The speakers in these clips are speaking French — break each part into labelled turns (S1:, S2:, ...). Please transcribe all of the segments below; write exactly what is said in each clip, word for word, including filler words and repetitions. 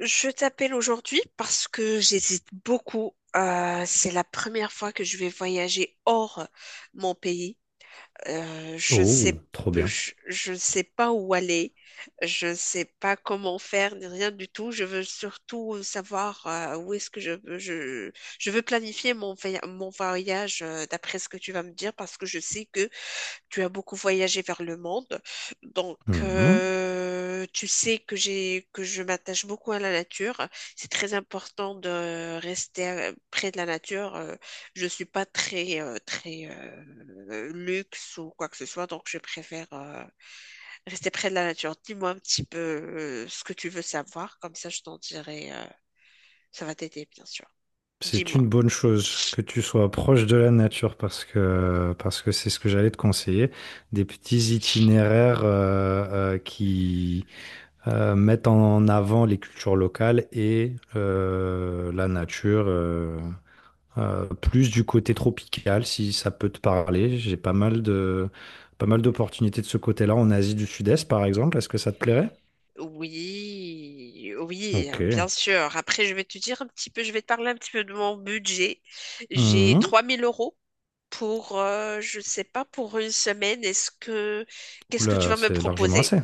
S1: Je t'appelle aujourd'hui parce que j'hésite beaucoup. Euh, c'est la première fois que je vais voyager hors mon pays. Euh, je sais,
S2: Oh, trop bien.
S1: je, je ne sais pas où aller. Je ne sais pas comment faire, ni rien du tout. Je veux surtout savoir euh, où est-ce que je veux. Je, je veux planifier mon, voya- mon voyage euh, d'après ce que tu vas me dire parce que je sais que tu as beaucoup voyagé vers le monde, donc
S2: Mhm.
S1: euh, tu sais que j'ai que je m'attache beaucoup à la nature. C'est très important de rester euh, près de la nature. Euh, Je suis pas très euh, très euh, luxe ou quoi que ce soit, donc je préfère euh, rester près de la nature. Dis-moi un petit peu euh, ce que tu veux savoir, comme ça je t'en dirai. Euh, ça va t'aider, bien sûr.
S2: C'est
S1: Dis-moi.
S2: une bonne chose que tu sois proche de la nature parce que parce que c'est ce que j'allais te conseiller. Des petits itinéraires euh, euh, qui euh, mettent en avant les cultures locales et euh, la nature. Euh, euh, plus du côté tropical, si ça peut te parler. J'ai pas mal de pas mal d'opportunités de ce côté-là en Asie du Sud-Est, par exemple. Est-ce que ça te plairait?
S1: Oui, oui,
S2: Ok.
S1: bien sûr. Après, je vais te dire un petit peu, je vais te parler un petit peu de mon budget. J'ai
S2: Mhm.
S1: trois mille euros pour, euh, je sais pas, pour une semaine. Est-ce que, qu'est-ce que tu
S2: Oula,
S1: vas me
S2: c'est largement
S1: proposer?
S2: assez.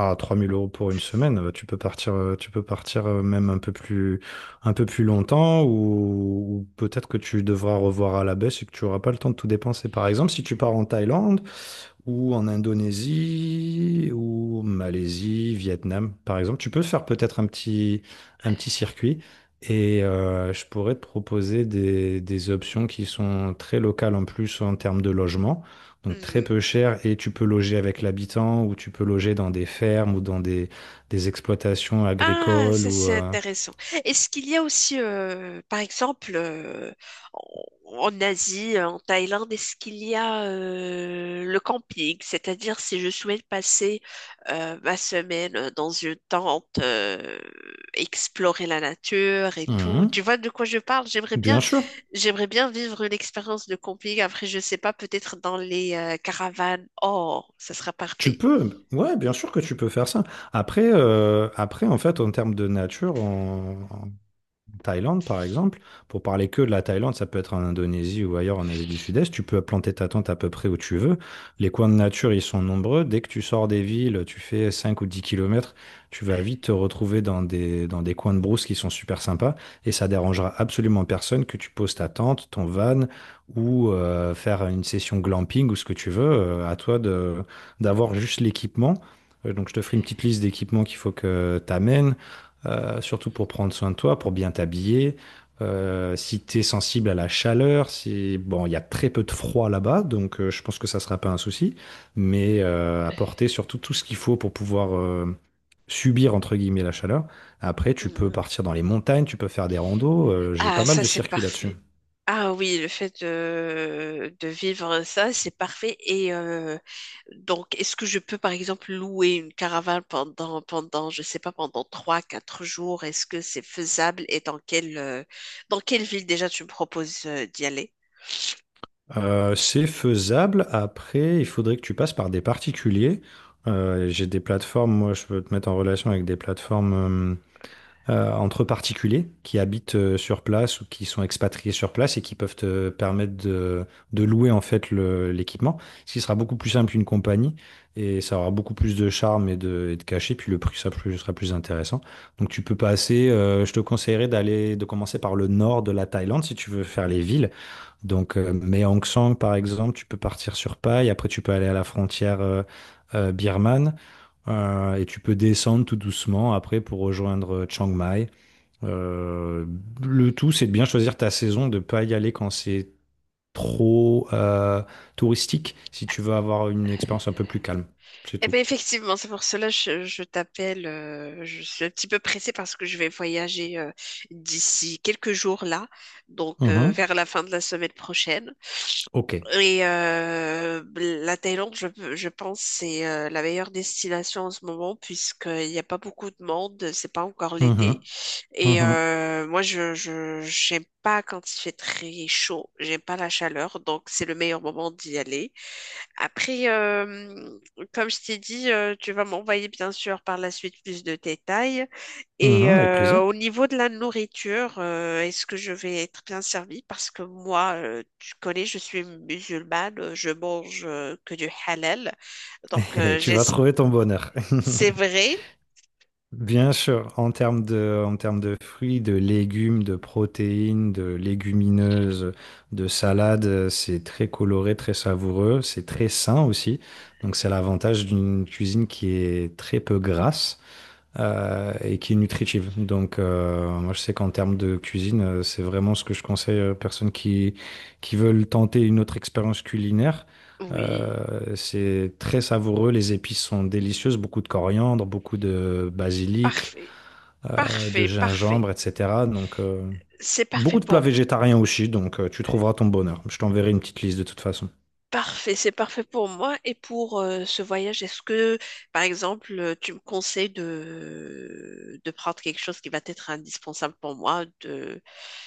S2: Ah, trois mille euros pour une semaine, euh, tu peux partir, euh, tu peux partir euh, même un peu plus, un peu plus longtemps ou, ou peut-être que tu devras revoir à la baisse et que tu n'auras pas le temps de tout dépenser. Par exemple, si tu pars en Thaïlande, ou en Indonésie, ou Malaisie, Vietnam, par exemple. Tu peux faire peut-être un petit, un petit circuit et euh, je pourrais te proposer des, des options qui sont très locales en plus en termes de logement, donc très
S1: Mmh.
S2: peu cher et tu peux loger avec l'habitant ou tu peux loger dans des fermes ou dans des, des exploitations
S1: Ah,
S2: agricoles
S1: ça
S2: ou.
S1: c'est
S2: euh,
S1: intéressant. Est-ce qu'il y a aussi, euh, par exemple, euh, en en Asie, en Thaïlande, est-ce qu'il y a euh, le camping? C'est-à-dire si je souhaite passer euh, ma semaine dans une tente, euh, explorer la nature et tout. Tu
S2: hum,
S1: vois de quoi je parle? J'aimerais bien,
S2: Bien sûr.
S1: j'aimerais bien vivre une expérience de camping. Après, je sais pas, peut-être dans les euh, caravanes. Oh, ça sera
S2: Tu
S1: parfait.
S2: peux, ouais, bien sûr que tu peux faire ça. Après, euh, après, en fait, en termes de nature, on, Thaïlande, par exemple, pour parler que de la Thaïlande, ça peut être en Indonésie ou ailleurs en Asie du Sud-Est, tu peux planter ta tente à peu près où tu veux. Les coins de nature, ils sont nombreux. Dès que tu sors des villes, tu fais cinq ou dix kilomètres, tu vas vite te retrouver dans des, dans des coins de brousse qui sont super sympas et ça dérangera absolument personne que tu poses ta tente, ton van ou euh, faire une session glamping ou ce que tu veux. Euh, à toi de, d'avoir juste l'équipement. Euh, Donc, je te ferai une petite liste d'équipements qu'il faut que tu amènes euh, surtout pour prendre soin de toi, pour bien t'habiller. Euh, si tu es sensible à la chaleur, si bon, il y a très peu de froid là-bas, donc euh, je pense que ça sera pas un souci, mais euh, apporter surtout tout ce qu'il faut pour pouvoir euh, subir entre guillemets la chaleur. Après, tu peux
S1: Mmh.
S2: partir dans les montagnes, tu peux faire des randos. Euh, j'ai pas
S1: Ah,
S2: mal
S1: ça,
S2: de
S1: c'est
S2: circuits là-dessus.
S1: parfait. Ah oui, le fait de, de vivre ça, c'est parfait. Et euh, donc, est-ce que je peux, par exemple, louer une caravane pendant, pendant, je sais pas, pendant trois, quatre jours? Est-ce que c'est faisable et dans quelle, euh, dans quelle ville déjà tu me proposes euh, d'y aller?
S2: Euh, c'est faisable. Après, il faudrait que tu passes par des particuliers. Euh, j'ai des plateformes. Moi, je peux te mettre en relation avec des plateformes. Euh, euh, entre particuliers qui habitent euh, sur place ou qui sont expatriés sur place et qui peuvent te permettre de, de louer en fait le- l'équipement, ce qui sera beaucoup plus simple qu'une compagnie et ça aura beaucoup plus de charme et de, et de cachet, puis le prix sera plus, sera plus intéressant. Donc tu peux passer, euh, je te conseillerais d'aller, de commencer par le nord de la Thaïlande si tu veux faire les villes. Donc euh, Mae Hong Son par exemple, tu peux partir sur Pai, après tu peux aller à la frontière euh, euh, birmane euh, et tu peux descendre tout doucement après pour rejoindre euh, Chiang Mai. Euh, le tout, c'est de bien choisir ta saison, de pas y aller quand c'est trop euh, touristique, si tu veux avoir une expérience un peu plus calme. C'est
S1: Eh
S2: tout.
S1: bien, effectivement, c'est pour cela que je, je t'appelle. Euh, je suis un petit peu pressée parce que je vais voyager euh, d'ici quelques jours là, donc euh,
S2: Mhm.
S1: vers la fin de la semaine prochaine.
S2: Ok.
S1: Et euh, la Thaïlande, je, je pense, c'est euh, la meilleure destination en ce moment puisqu'il n'y a pas beaucoup de monde, c'est pas encore l'été.
S2: Mhm.
S1: Et
S2: Mhm.
S1: euh, moi, je, je, j'aime pas quand il fait très chaud, j'aime pas la chaleur, donc c'est le meilleur moment d'y aller. Après, euh, comme je t'ai dit, euh, tu vas m'envoyer bien sûr par la suite plus de détails. Et
S2: Mhm. Avec
S1: euh,
S2: plaisir.
S1: au niveau de la nourriture, euh, est-ce que je vais être bien servie? Parce que moi, euh, tu connais, je suis musulmane, euh, je mange euh, que du halal. Donc, euh,
S2: Tu vas
S1: j'es-
S2: trouver ton bonheur.
S1: c'est vrai?
S2: Bien sûr, en termes de, en termes de fruits, de légumes, de protéines, de légumineuses, de salades, euh, c'est très coloré, très savoureux, c'est très sain aussi. Donc c'est l'avantage d'une cuisine qui est très peu grasse euh, et qui est nutritive. Donc, euh, moi, je sais qu'en termes de cuisine, euh, c'est vraiment ce que je conseille aux personnes qui, qui veulent tenter une autre expérience culinaire.
S1: Oui,
S2: Euh, c'est très savoureux, les épices sont délicieuses, beaucoup de coriandre, beaucoup de basilic,
S1: parfait,
S2: euh, de
S1: parfait, parfait.
S2: gingembre, et cetera. Donc, euh,
S1: C'est parfait
S2: beaucoup de plats
S1: pour.
S2: végétariens aussi, donc euh, tu trouveras ton bonheur. Je t'enverrai une petite liste de toute façon.
S1: Parfait, c'est parfait pour moi et pour euh, ce voyage. Est-ce que, par exemple, euh, tu me conseilles de, de prendre quelque chose qui va être indispensable pour moi, de,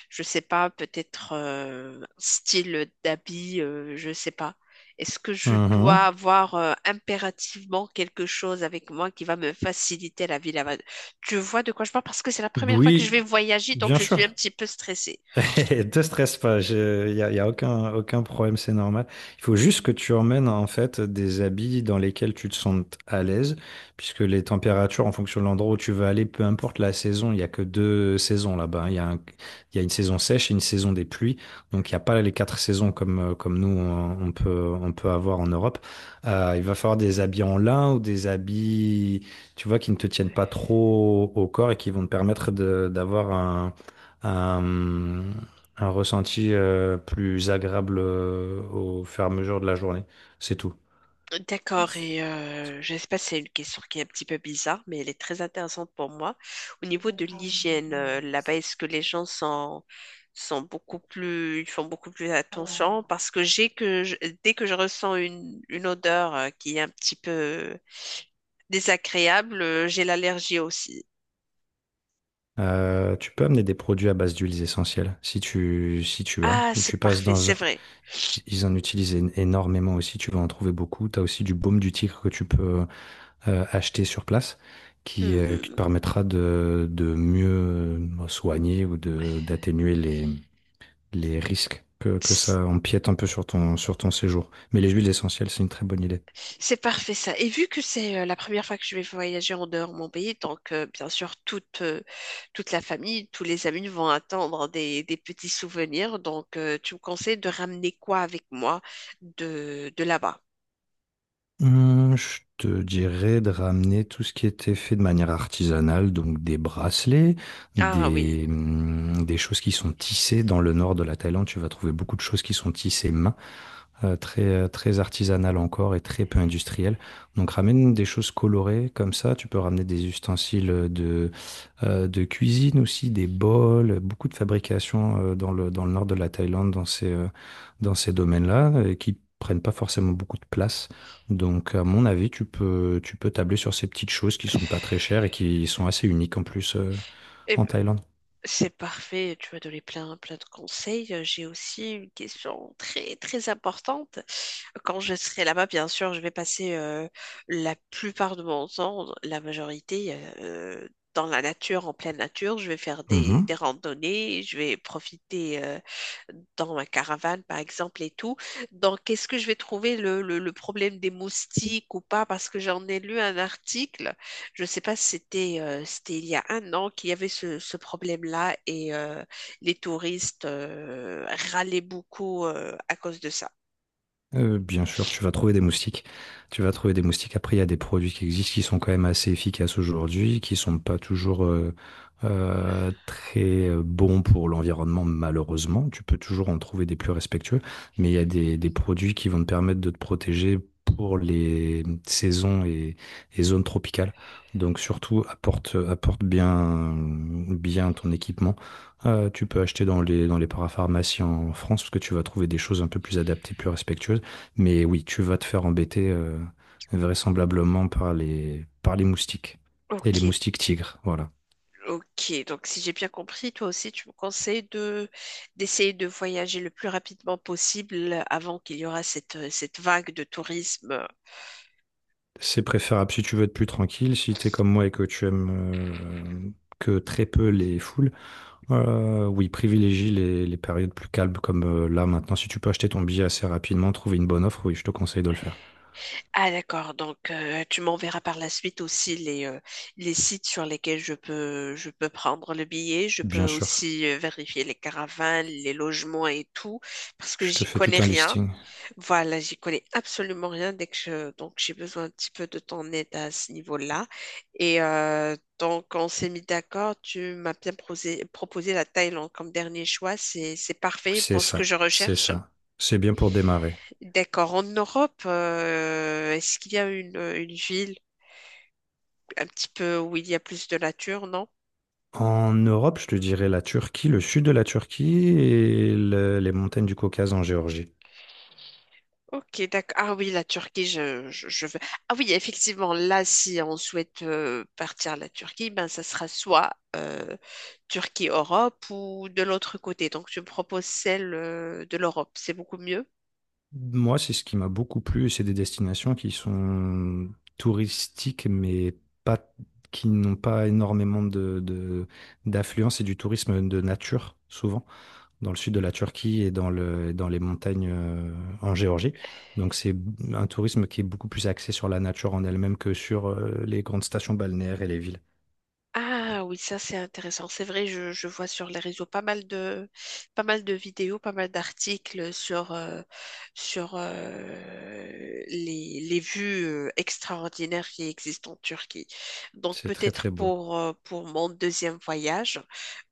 S1: je sais pas, peut-être euh, style d'habit, euh, je sais pas. Est-ce que je dois
S2: Mhm.
S1: avoir euh, impérativement quelque chose avec moi qui va me faciliter la vie là-bas? Tu vois de quoi je parle parce que c'est la première fois que je vais
S2: Oui,
S1: voyager, donc
S2: bien
S1: je suis un
S2: sûr.
S1: petit peu stressée.
S2: Te stresse pas, il n'y a, y a aucun, aucun problème, c'est normal. Il faut juste que tu emmènes en fait des habits dans lesquels tu te sentes à l'aise, puisque les températures, en fonction de l'endroit où tu veux aller, peu importe la saison, il n'y a que deux saisons là-bas, hein. Il y a un- il y a une saison sèche et une saison des pluies, donc il n'y a pas les quatre saisons comme, euh, comme nous on, on peut, on peut avoir en Europe. Euh, il va falloir des habits en lin ou des habits, tu vois, qui ne te tiennent pas trop au corps et qui vont te permettre de- d'avoir un un, un ressenti euh, plus agréable euh, au fur et à mesure de la journée. C'est tout.
S1: D'accord, et euh, je ne sais pas si c'est une question qui est un petit peu bizarre, mais elle est très intéressante pour moi. Au niveau de l'hygiène, euh, là-bas, est-ce que les gens sont, sont beaucoup plus, ils font beaucoup plus attention? Parce que j'ai que je- dès que je ressens une, une odeur euh, qui est un petit peu désagréable, euh, j'ai l'allergie aussi.
S2: Euh, tu peux amener des produits à base d'huiles essentielles, si tu, si tu as,
S1: Ah,
S2: ou tu
S1: c'est
S2: passes
S1: parfait,
S2: dans
S1: c'est
S2: un.
S1: vrai.
S2: Ils en utilisent é- énormément aussi, tu vas en trouver beaucoup. Tu as aussi du baume du tigre que tu peux euh, acheter sur place, qui, euh, qui te
S1: Mhm.
S2: permettra de, de mieux euh, soigner ou de, d'atténuer les, les risques que, que ça empiète un peu sur ton, sur ton séjour. Mais les huiles essentielles, c'est une très bonne idée.
S1: C'est parfait ça. Et vu que c'est euh, la première fois que je vais voyager en dehors de mon pays, donc euh, bien sûr toute, euh, toute la famille, tous les amis vont attendre des, des petits souvenirs. Donc euh, tu me conseilles de ramener quoi avec moi de, de là-bas?
S2: Hum, je te dirais de ramener tout ce qui était fait de manière artisanale, donc des bracelets,
S1: Ah oui.
S2: des, hum, des choses qui sont tissées. Dans le nord de la Thaïlande, tu vas trouver beaucoup de choses qui sont tissées main, euh, très, euh, très artisanales encore et très peu industrielles. Donc ramène des choses colorées comme ça. Tu peux ramener des ustensiles euh, de, euh, de cuisine aussi, des bols, beaucoup de fabrication euh, dans le, dans le nord de la Thaïlande, dans ces, euh, dans ces domaines-là, euh, qui prennent pas forcément beaucoup de place. Donc, à mon avis, tu peux, tu peux tabler sur ces petites choses qui sont pas très chères et qui sont assez uniques en plus euh, en Thaïlande.
S1: C'est parfait, tu m'as donné plein, plein de conseils. Euh, J'ai aussi une question très, très importante. Quand je serai là-bas, bien sûr, je vais passer euh, la plupart de mon temps, la majorité, euh, dans la nature, en pleine nature. Je vais faire des,
S2: Mm-hmm.
S1: des randonnées, je vais profiter euh, dans ma caravane, par exemple, et tout. Donc, est-ce que je vais trouver le, le le problème des moustiques ou pas? Parce que j'en ai lu un article. Je ne sais pas si c'était euh, c'était il y a un an qu'il y avait ce, ce problème-là et euh, les touristes euh, râlaient beaucoup euh, à cause de ça.
S2: Euh, bien sûr, tu vas trouver des moustiques. Tu vas trouver des moustiques. Après, il y a des produits qui existent qui sont quand même assez efficaces aujourd'hui, qui sont pas toujours euh, euh, très euh, bons pour l'environnement, malheureusement. Tu peux toujours en trouver des plus respectueux, mais il y a des, des produits qui vont te permettre de te protéger pour les saisons et, et zones tropicales. Donc surtout, apporte, apporte bien, bien ton équipement. Euh, tu peux acheter dans les, dans les parapharmacies en France parce que tu vas trouver des choses un peu plus adaptées, plus respectueuses. Mais oui, tu vas te faire embêter euh, vraisemblablement par les, par les moustiques et
S1: Ok,
S2: les moustiques tigres. Voilà.
S1: ok. Donc si j'ai bien compris, toi aussi, tu me conseilles de d'essayer de voyager le plus rapidement possible avant qu'il y aura cette, cette vague de tourisme.
S2: C'est préférable si tu veux être plus tranquille, si tu es comme moi et que tu aimes euh, que très peu les foules. Euh, oui, privilégie les, les périodes plus calmes comme euh, là maintenant. Si tu peux acheter ton billet assez rapidement, trouver une bonne offre, oui, je te conseille de le faire.
S1: Ah d'accord, donc euh, tu m'enverras par la suite aussi les, euh, les sites sur lesquels je peux, je peux prendre le billet. Je peux
S2: Bien sûr.
S1: aussi euh, vérifier les caravanes, les logements et tout, parce que
S2: Je te
S1: j'y
S2: fais tout
S1: connais
S2: un
S1: rien.
S2: listing.
S1: Voilà, j'y connais absolument rien dès que je, donc j'ai besoin un petit peu de ton aide à ce niveau-là. Et euh, donc on s'est mis d'accord, tu m'as bien prosé- proposé la Thaïlande comme dernier choix, c'est, c'est parfait
S2: C'est
S1: pour ce que
S2: ça,
S1: je
S2: c'est
S1: recherche.
S2: ça. C'est bien pour démarrer.
S1: D'accord. En Europe, euh, est-ce qu'il y a une, une ville un petit peu où il y a plus de nature, non?
S2: En Europe, je te dirais la Turquie, le sud de la Turquie et le- les montagnes du Caucase en Géorgie.
S1: Ok, d'accord. Ah oui, la Turquie, je, je, je veux. Ah oui, effectivement, là, si on souhaite euh, partir à la Turquie, ben, ça sera soit euh, Turquie-Europe ou de l'autre côté. Donc, je me propose celle euh, de l'Europe. C'est beaucoup mieux.
S2: Moi, c'est ce qui m'a beaucoup plu, et c'est des destinations qui sont touristiques, mais pas, qui n'ont pas énormément de, de- d'affluence et du tourisme de nature, souvent, dans le sud de la Turquie et dans le, et dans les montagnes euh, en Géorgie. Donc, c'est un tourisme qui est beaucoup plus axé sur la nature en elle-même que sur euh, les grandes stations balnéaires et les villes.
S1: Ah oui, ça c'est intéressant. C'est vrai, je, je vois sur les réseaux pas mal de pas mal de vidéos, pas mal d'articles sur euh, sur euh, les, les vues euh, extraordinaires qui existent en Turquie. Donc
S2: C'est très,
S1: peut-être
S2: très beau.
S1: pour euh, pour mon deuxième voyage,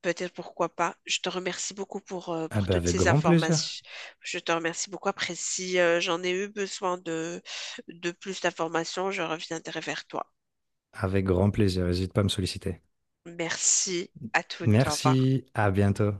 S1: peut-être pourquoi pas. Je te remercie beaucoup pour euh,
S2: Ah
S1: pour
S2: bah,
S1: toutes
S2: avec
S1: ces
S2: grand plaisir.
S1: informations. Je te remercie beaucoup. Après, si euh, j'en ai eu besoin de de plus d'informations, je reviendrai vers toi.
S2: Avec grand plaisir, n'hésite pas à me solliciter.
S1: Merci à toutes. Au revoir.
S2: Merci, à bientôt.